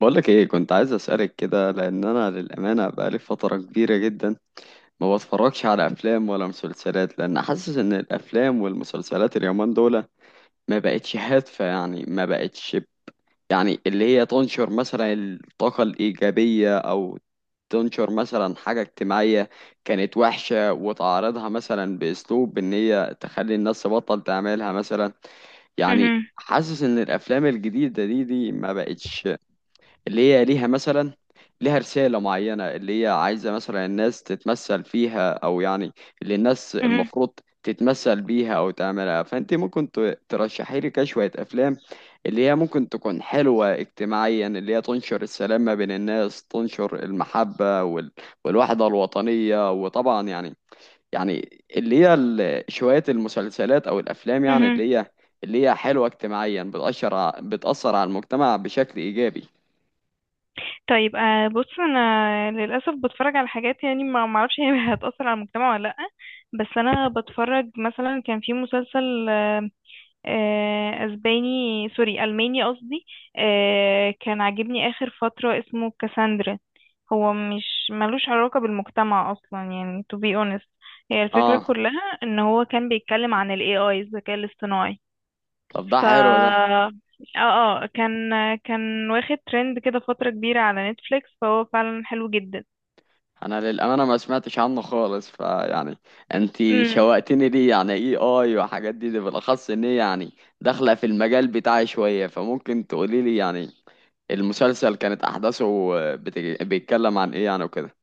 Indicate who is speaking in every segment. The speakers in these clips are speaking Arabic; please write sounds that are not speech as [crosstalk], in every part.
Speaker 1: بقولك ايه؟ كنت عايز اسألك كده لان انا للأمانة بقالي فترة كبيرة جدا ما بتفرجش على افلام ولا مسلسلات, لان حاسس ان الافلام والمسلسلات اليومين دول ما بقتش هادفة. يعني ما بقتش يعني اللي هي تنشر مثلا الطاقة الإيجابية او تنشر مثلا حاجة اجتماعية كانت وحشة, وتعرضها مثلا بأسلوب ان هي تخلي الناس تبطل تعملها مثلا. يعني
Speaker 2: مهم.
Speaker 1: حاسس ان الافلام الجديدة دي ما بقتش اللي هي ليها مثلا, ليها رسالة معينة اللي هي عايزة مثلا الناس تتمثل فيها, أو يعني اللي الناس
Speaker 2: مهم.
Speaker 1: المفروض تتمثل بيها أو تعملها. فأنت ممكن ترشحي لي كده شوية أفلام اللي هي ممكن تكون حلوة اجتماعيا, اللي هي تنشر السلام ما بين الناس, تنشر المحبة والوحدة الوطنية, وطبعا يعني, يعني اللي هي شوية المسلسلات أو الأفلام, يعني
Speaker 2: مهم.
Speaker 1: اللي هي حلوة اجتماعيا, بتأثر بتأثر على المجتمع بشكل إيجابي.
Speaker 2: طيب، بص، انا للاسف بتفرج على حاجات، يعني ما اعرفش هي [laughs] هتاثر على المجتمع ولا لا. بس انا بتفرج، مثلا كان في مسلسل، اسباني، الماني قصدي، كان عاجبني اخر فتره، اسمه كاساندرا. هو مش ملوش علاقه بالمجتمع اصلا، يعني to be honest. هي الفكره
Speaker 1: اه,
Speaker 2: كلها ان هو كان بيتكلم عن ال AI، الذكاء الاصطناعي.
Speaker 1: طب ده
Speaker 2: ف
Speaker 1: حلو ده.
Speaker 2: اه اه كان كان واخد ترند كده فترة كبيرة على نتفليكس، فهو فعلا حلو جدا.
Speaker 1: انا للامانه ما سمعتش عنه خالص, فيعني انت شوقتني ليه, يعني اي اي وحاجات دي بالاخص ان هي يعني داخله في المجال بتاعي شويه. فممكن تقولي لي يعني المسلسل كانت احداثه بيتكلم عن ايه يعني وكده.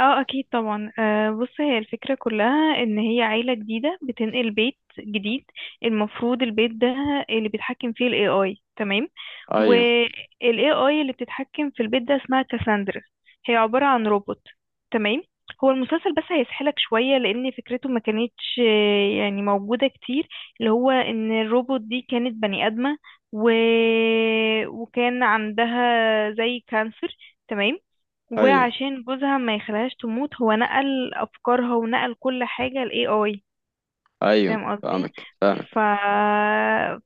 Speaker 2: اه، اكيد طبعا. بص، هي الفكرة كلها ان هي عيلة جديدة بتنقل بيت جديد. المفروض البيت ده اللي بيتحكم فيه الاي اي. تمام.
Speaker 1: ايوه,
Speaker 2: والاي اي اللي بتتحكم في البيت ده اسمها كاساندرا. هي عبارة عن روبوت. تمام. هو المسلسل بس هيسحلك شوية، لأن فكرته ما كانتش يعني موجودة كتير. اللي هو إن الروبوت دي كانت بني آدمة. و... وكان عندها زي كانسر. تمام.
Speaker 1: ايوه,
Speaker 2: وعشان جوزها ما يخليهاش تموت، هو نقل افكارها ونقل كل حاجة ل AI.
Speaker 1: ايوه,
Speaker 2: فاهم قصدي.
Speaker 1: فاهمك
Speaker 2: ف
Speaker 1: فاهمك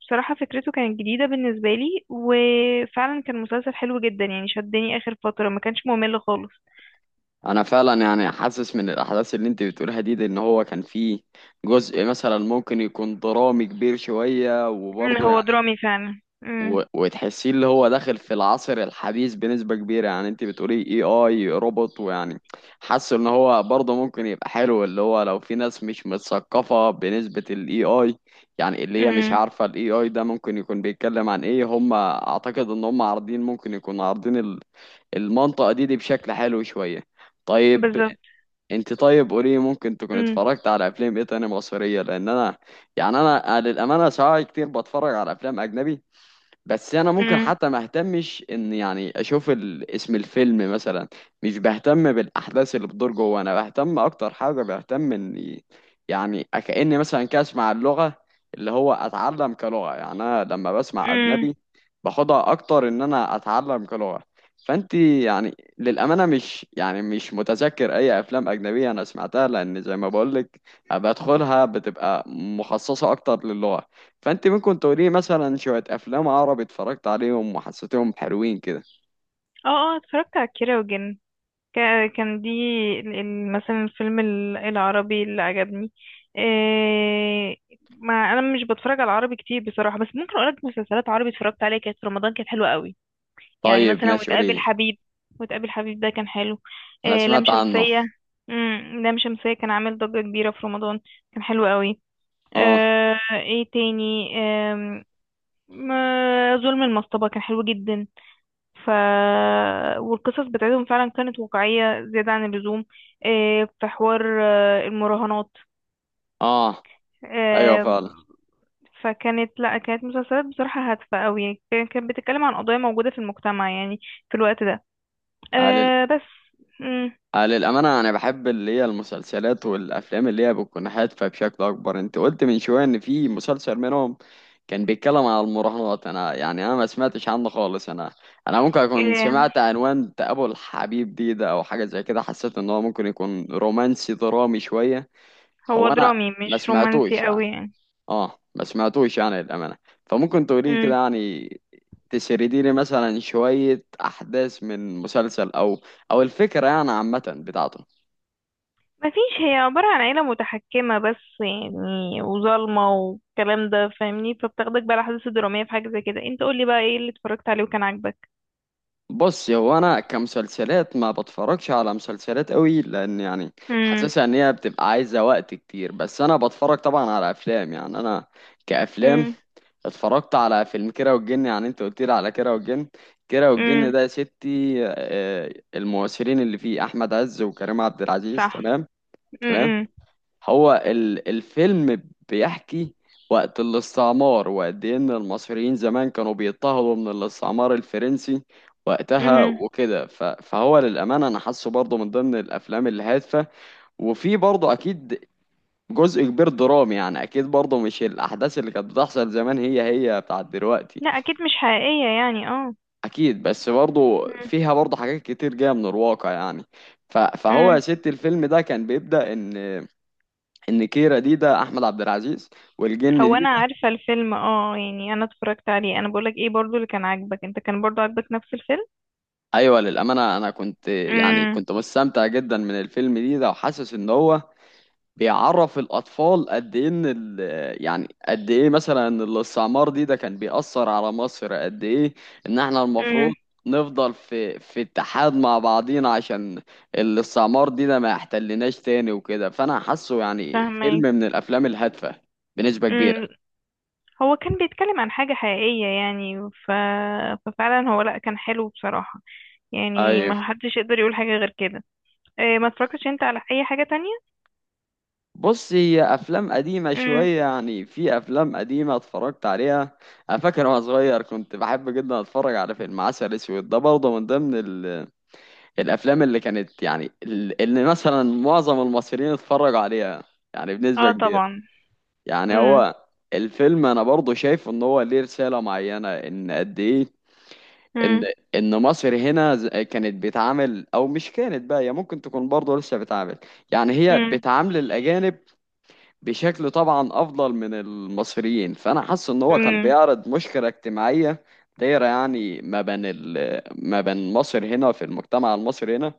Speaker 2: بصراحة فكرته كانت جديدة بالنسبة لي، وفعلا كان مسلسل حلو جدا، يعني شدني اخر فترة، ما كانش ممل خالص.
Speaker 1: انا فعلا يعني حاسس من الاحداث اللي انت بتقولها دي ان هو كان فيه جزء مثلا ممكن يكون درامي كبير شويه وبرضه
Speaker 2: هو
Speaker 1: يعني
Speaker 2: درامي فعلا. امم.
Speaker 1: وتحسيه اللي هو داخل في العصر الحديث بنسبة كبيرة. يعني انت بتقولي اي اي روبوت ويعني حاسه ان هو برضه ممكن يبقى حلو, اللي هو لو في ناس مش متثقفة بنسبة الاي اي, يعني اللي هي مش
Speaker 2: امم.
Speaker 1: عارفة الاي اي ده ممكن يكون بيتكلم عن ايه. هم اعتقد ان هم عارضين ممكن يكون عارضين المنطقة دي بشكل حلو شوية. طيب,
Speaker 2: بالظبط.
Speaker 1: انت طيب قولي ممكن تكون
Speaker 2: امم.
Speaker 1: اتفرجت على افلام ايه تاني مصرية؟ لان انا يعني انا للأمانة ساعات كتير بتفرج على افلام اجنبي, بس انا ممكن
Speaker 2: امم.
Speaker 1: حتى ما اهتمش ان يعني اشوف اسم الفيلم مثلا. مش بهتم بالاحداث اللي بتدور جوه, انا بهتم اكتر, حاجه بهتم اني يعني كاني مثلا كده اسمع اللغه اللي هو اتعلم كلغه. يعني انا لما بسمع
Speaker 2: امم.
Speaker 1: اجنبي باخدها اكتر ان انا اتعلم كلغه. فانت يعني للامانه مش يعني مش متذكر اي افلام اجنبيه انا سمعتها, لان زي ما بقولك بدخلها بتبقى مخصصه اكتر للغه. فانت ممكن تقولي مثلا شويه افلام عربي اتفرجت عليهم وحسيتهم حلوين كده.
Speaker 2: اه. اه، اتفرجت على كيرة والجن. كان دي مثلا الفيلم العربي اللي عجبني. إيه، ما انا مش بتفرج على عربي كتير بصراحة، بس ممكن اقولك مسلسلات عربي اتفرجت عليها كانت في رمضان كانت حلوة قوي. يعني
Speaker 1: طيب
Speaker 2: مثلا
Speaker 1: ماشي, قولي
Speaker 2: وتقابل
Speaker 1: لي.
Speaker 2: حبيب. وتقابل حبيب ده كان حلو.
Speaker 1: انا
Speaker 2: إيه، لام
Speaker 1: سمعت عنه.
Speaker 2: شمسية. امم، لام شمسية كان عامل ضجة كبيرة في رمضان. كان حلو قوي.
Speaker 1: اه.
Speaker 2: ايه تاني؟ ظلم المصطبة كان حلو جدا. ف والقصص بتاعتهم فعلا كانت واقعية زيادة عن اللزوم. إيه، في حوار المراهنات.
Speaker 1: اه. ايوه
Speaker 2: آه،
Speaker 1: فعلا.
Speaker 2: فكانت لا كانت مسلسلات بصراحة هادفة أوي يعني كان- كانت بتتكلم عن قضايا موجودة في المجتمع يعني في الوقت ده
Speaker 1: على
Speaker 2: بس. مم،
Speaker 1: على الامانه انا بحب اللي هي المسلسلات والافلام اللي هي بتكون هادفه بشكل اكبر. انت قلت من شويه ان في مسلسل منهم كان بيتكلم على المراهنات, انا يعني انا ما سمعتش عنه خالص. انا ممكن اكون
Speaker 2: آه،
Speaker 1: سمعت عنوان ابو الحبيب ده او حاجه زي كده, حسيت ان هو ممكن يكون رومانسي درامي شويه.
Speaker 2: هو
Speaker 1: هو انا
Speaker 2: درامي مش
Speaker 1: ما
Speaker 2: رومانسي
Speaker 1: سمعتوش
Speaker 2: أوي
Speaker 1: يعني.
Speaker 2: يعني.
Speaker 1: اه, ما سمعتوش يعني للأمانة. فممكن تقولي كده,
Speaker 2: مم.
Speaker 1: يعني تسردي لي مثلا شوية أحداث من مسلسل أو أو الفكرة يعني عامة بتاعته.
Speaker 2: مفيش. هي عبارة عن عيلة متحكمة بس يعني وظالمة والكلام ده، فاهمني، فبتاخدك بقى الأحداث الدرامية في حاجة زي كده. انت قولي بقى ايه اللي اتفرجت عليه وكان عاجبك.
Speaker 1: بص, هو أنا كمسلسلات ما بتفرجش على مسلسلات قوي لأن يعني
Speaker 2: امم.
Speaker 1: حاسسها إن هي بتبقى عايزة وقت كتير. بس أنا بتفرج طبعا على أفلام, يعني أنا كأفلام
Speaker 2: امم.
Speaker 1: اتفرجت على فيلم كيرة والجن, يعني أنت قلت لي على كيرة والجن. كيرة والجن
Speaker 2: امم.
Speaker 1: ده يا ستي آه, الممثلين اللي فيه أحمد عز وكريم عبد العزيز,
Speaker 2: صح.
Speaker 1: تمام. تمام.
Speaker 2: امم.
Speaker 1: هو الفيلم بيحكي وقت الاستعمار, وقد ايه ان المصريين زمان كانوا بيضطهدوا من الاستعمار الفرنسي وقتها
Speaker 2: امم.
Speaker 1: وكده. فهو للأمانة أنا حاسه برضه من ضمن الأفلام الهادفة, وفي برضه أكيد جزء كبير درامي, يعني أكيد برضه مش الأحداث اللي كانت بتحصل زمان هي بتاعت دلوقتي.
Speaker 2: لا، اكيد مش حقيقية يعني، اه.
Speaker 1: أكيد, بس برضه
Speaker 2: امم.
Speaker 1: فيها برضه حاجات كتير جاية من الواقع يعني. فهو
Speaker 2: امم.
Speaker 1: يا ست الفيلم ده كان بيبدأ إن كيرا ده احمد عبد العزيز, والجن
Speaker 2: هو
Speaker 1: دي
Speaker 2: انا
Speaker 1: ده
Speaker 2: عارفة الفيلم، اه يعني انا اتفرجت عليه. انا بقولك ايه برضو اللي كان عاجبك، انت كان برضو عاجبك نفس الفيلم.
Speaker 1: ايوه, للامانه انا كنت يعني
Speaker 2: امم.
Speaker 1: كنت مستمتع جدا من الفيلم ده وحاسس ان هو بيعرف الاطفال قد ايه ان يعني قد ايه مثلا إن الاستعمار ده كان بيأثر على مصر قد ايه. ان احنا المفروض
Speaker 2: امم.
Speaker 1: نفضل في اتحاد مع بعضينا عشان الاستعمار ده ما يحتلناش تاني وكده. فانا حاسه يعني فيلم
Speaker 2: فاهمك.
Speaker 1: من الافلام الهادفه بنسبه كبيره.
Speaker 2: امم. هو كان بيتكلم عن حاجة حقيقية يعني. ففعلا هو، لا، كان حلو بصراحة، يعني
Speaker 1: ايوه.
Speaker 2: ما حدش يقدر يقول حاجة غير كده. إيه، ما اتفرجتش انت على اي حاجة تانية؟
Speaker 1: بص, هي افلام قديمه
Speaker 2: امم.
Speaker 1: شويه, يعني في افلام قديمه اتفرجت عليها. انا فاكر وانا صغير كنت بحب جدا اتفرج على فيلم عسل اسود ده, برضه من ضمن الافلام اللي كانت يعني اللي مثلا معظم المصريين اتفرجوا عليها يعني بنسبه
Speaker 2: اه
Speaker 1: كبيره.
Speaker 2: طبعا.
Speaker 1: يعني
Speaker 2: امم.
Speaker 1: هو الفيلم انا برضه شايف ان هو ليه رساله معينه, ان قد ايه ان
Speaker 2: امم.
Speaker 1: ان مصر هنا كانت بتعامل, او مش كانت بقى, هي ممكن تكون برضه لسه بتعامل, يعني هي بتعامل الاجانب بشكل طبعا افضل من المصريين. فانا حاسس ان هو كان
Speaker 2: امم.
Speaker 1: بيعرض مشكله اجتماعيه دايره يعني ما بين ما بين مصر هنا في المجتمع المصري هنا.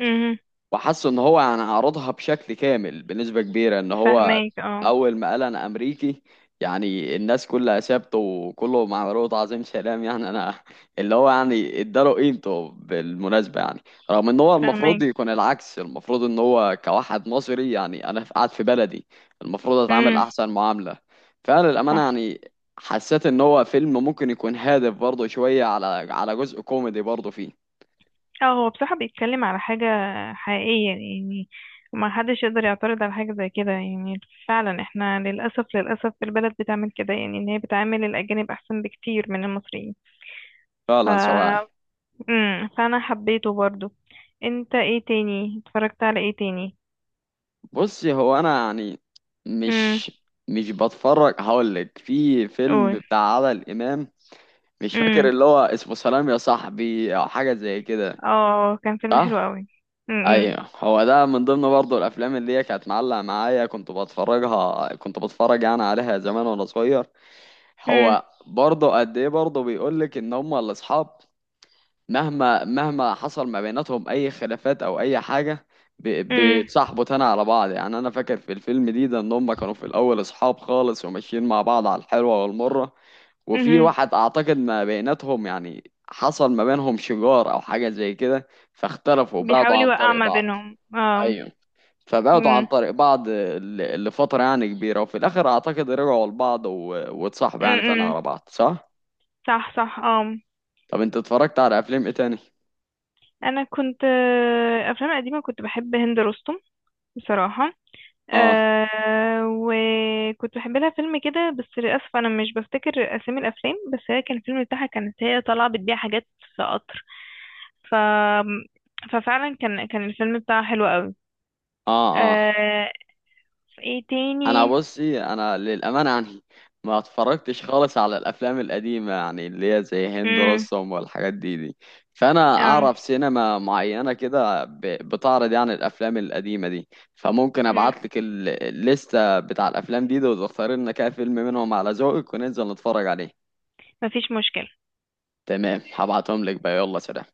Speaker 2: امم.
Speaker 1: وحس ان هو يعني عرضها بشكل كامل بنسبة كبيرة, ان هو
Speaker 2: فهماك اه.
Speaker 1: اول ما قال انا امريكي يعني الناس كلها سابته, وكله مع رؤوت عظيم سلام. يعني انا اللي هو يعني اداله قيمته بالمناسبة, يعني رغم ان هو المفروض
Speaker 2: فهماك.
Speaker 1: يكون العكس. المفروض ان هو كواحد مصري, يعني انا قاعد في بلدي المفروض اتعامل
Speaker 2: امم.
Speaker 1: احسن معاملة. فعلا الامانة
Speaker 2: صح.
Speaker 1: يعني, حسيت ان هو فيلم ممكن يكون هادف برضه شوية, على على جزء كوميدي برضه فيه.
Speaker 2: اه، هو بصراحة بيتكلم على حاجة حقيقية يعني. ما حدش يقدر يعترض على حاجة زي كده يعني. فعلا احنا للأسف، للأسف البلد بتعمل كده، يعني ان هي بتعامل الأجانب أحسن بكتير من المصريين. ف
Speaker 1: فعلا سواعي.
Speaker 2: امم، فأنا حبيته برضو. انت ايه تاني اتفرجت على ايه تاني؟
Speaker 1: بصي, هو انا يعني
Speaker 2: امم.
Speaker 1: مش مش بتفرج. هقول لك في فيلم
Speaker 2: قول.
Speaker 1: بتاع عادل امام, مش فاكر
Speaker 2: امم.
Speaker 1: اللي هو اسمه سلام يا صاحبي او حاجه زي كده.
Speaker 2: اه، كان فيلم حلو
Speaker 1: صح.
Speaker 2: قوي. امم.
Speaker 1: ايوه, هو ده من ضمن برضه الافلام اللي هي كانت معلقه معايا, كنت بتفرجها كنت بتفرج يعني عليها زمان وانا صغير.
Speaker 2: امم.
Speaker 1: هو برضه قد ايه برضه بيقول لك ان هم الاصحاب مهما مهما حصل ما بيناتهم اي خلافات او اي حاجه,
Speaker 2: امم.
Speaker 1: بيتصاحبوا تاني على بعض. يعني انا فاكر في الفيلم ده ان هم كانوا في الاول اصحاب خالص وماشيين مع بعض على الحلوه والمره, وفي
Speaker 2: امم.
Speaker 1: واحد اعتقد ما بيناتهم يعني حصل ما بينهم شجار او حاجه زي كده, فاختلفوا, بعدوا
Speaker 2: بيحاول
Speaker 1: عن
Speaker 2: يوقع
Speaker 1: طريق
Speaker 2: ما
Speaker 1: بعض.
Speaker 2: بينهم اه.
Speaker 1: ايوه. فبعدوا عن
Speaker 2: امم.
Speaker 1: طريق بعض لفتره يعني كبيره, وفي الاخر اعتقد رجعوا لبعض واتصاحبوا يعني تاني
Speaker 2: امم.
Speaker 1: على بعض, صح.
Speaker 2: صح صح اه.
Speaker 1: طب انت اتفرجت على افلام ايه تاني؟
Speaker 2: انا كنت، افلام قديمه كنت بحب هند رستم بصراحه.
Speaker 1: اه.
Speaker 2: أه، وكنت بحب لها فيلم كده، بس للاسف انا مش بفتكر اسامي الافلام، بس هي كان الفيلم بتاعها كانت هي طالعه بتبيع حاجات في قطر. ف ففعلا كان الفيلم بتاعها حلو قوي.
Speaker 1: اه. اه.
Speaker 2: أه، في ايه
Speaker 1: انا
Speaker 2: تاني؟
Speaker 1: بصي انا للامانه يعني ما اتفرجتش خالص على الافلام القديمه, يعني اللي هي زي هند
Speaker 2: امم،
Speaker 1: رستم والحاجات دي. فانا
Speaker 2: اه.
Speaker 1: اعرف سينما معينه كده بتعرض يعني الافلام القديمه دي. فممكن
Speaker 2: مم.
Speaker 1: ابعت لك الليسته بتاع الافلام دي وتختاري لنا كده فيلم منهم على ذوقك, وننزل نتفرج عليه.
Speaker 2: مفيش مشكله.
Speaker 1: تمام, هبعتهم لك بقى. يلا, سلام.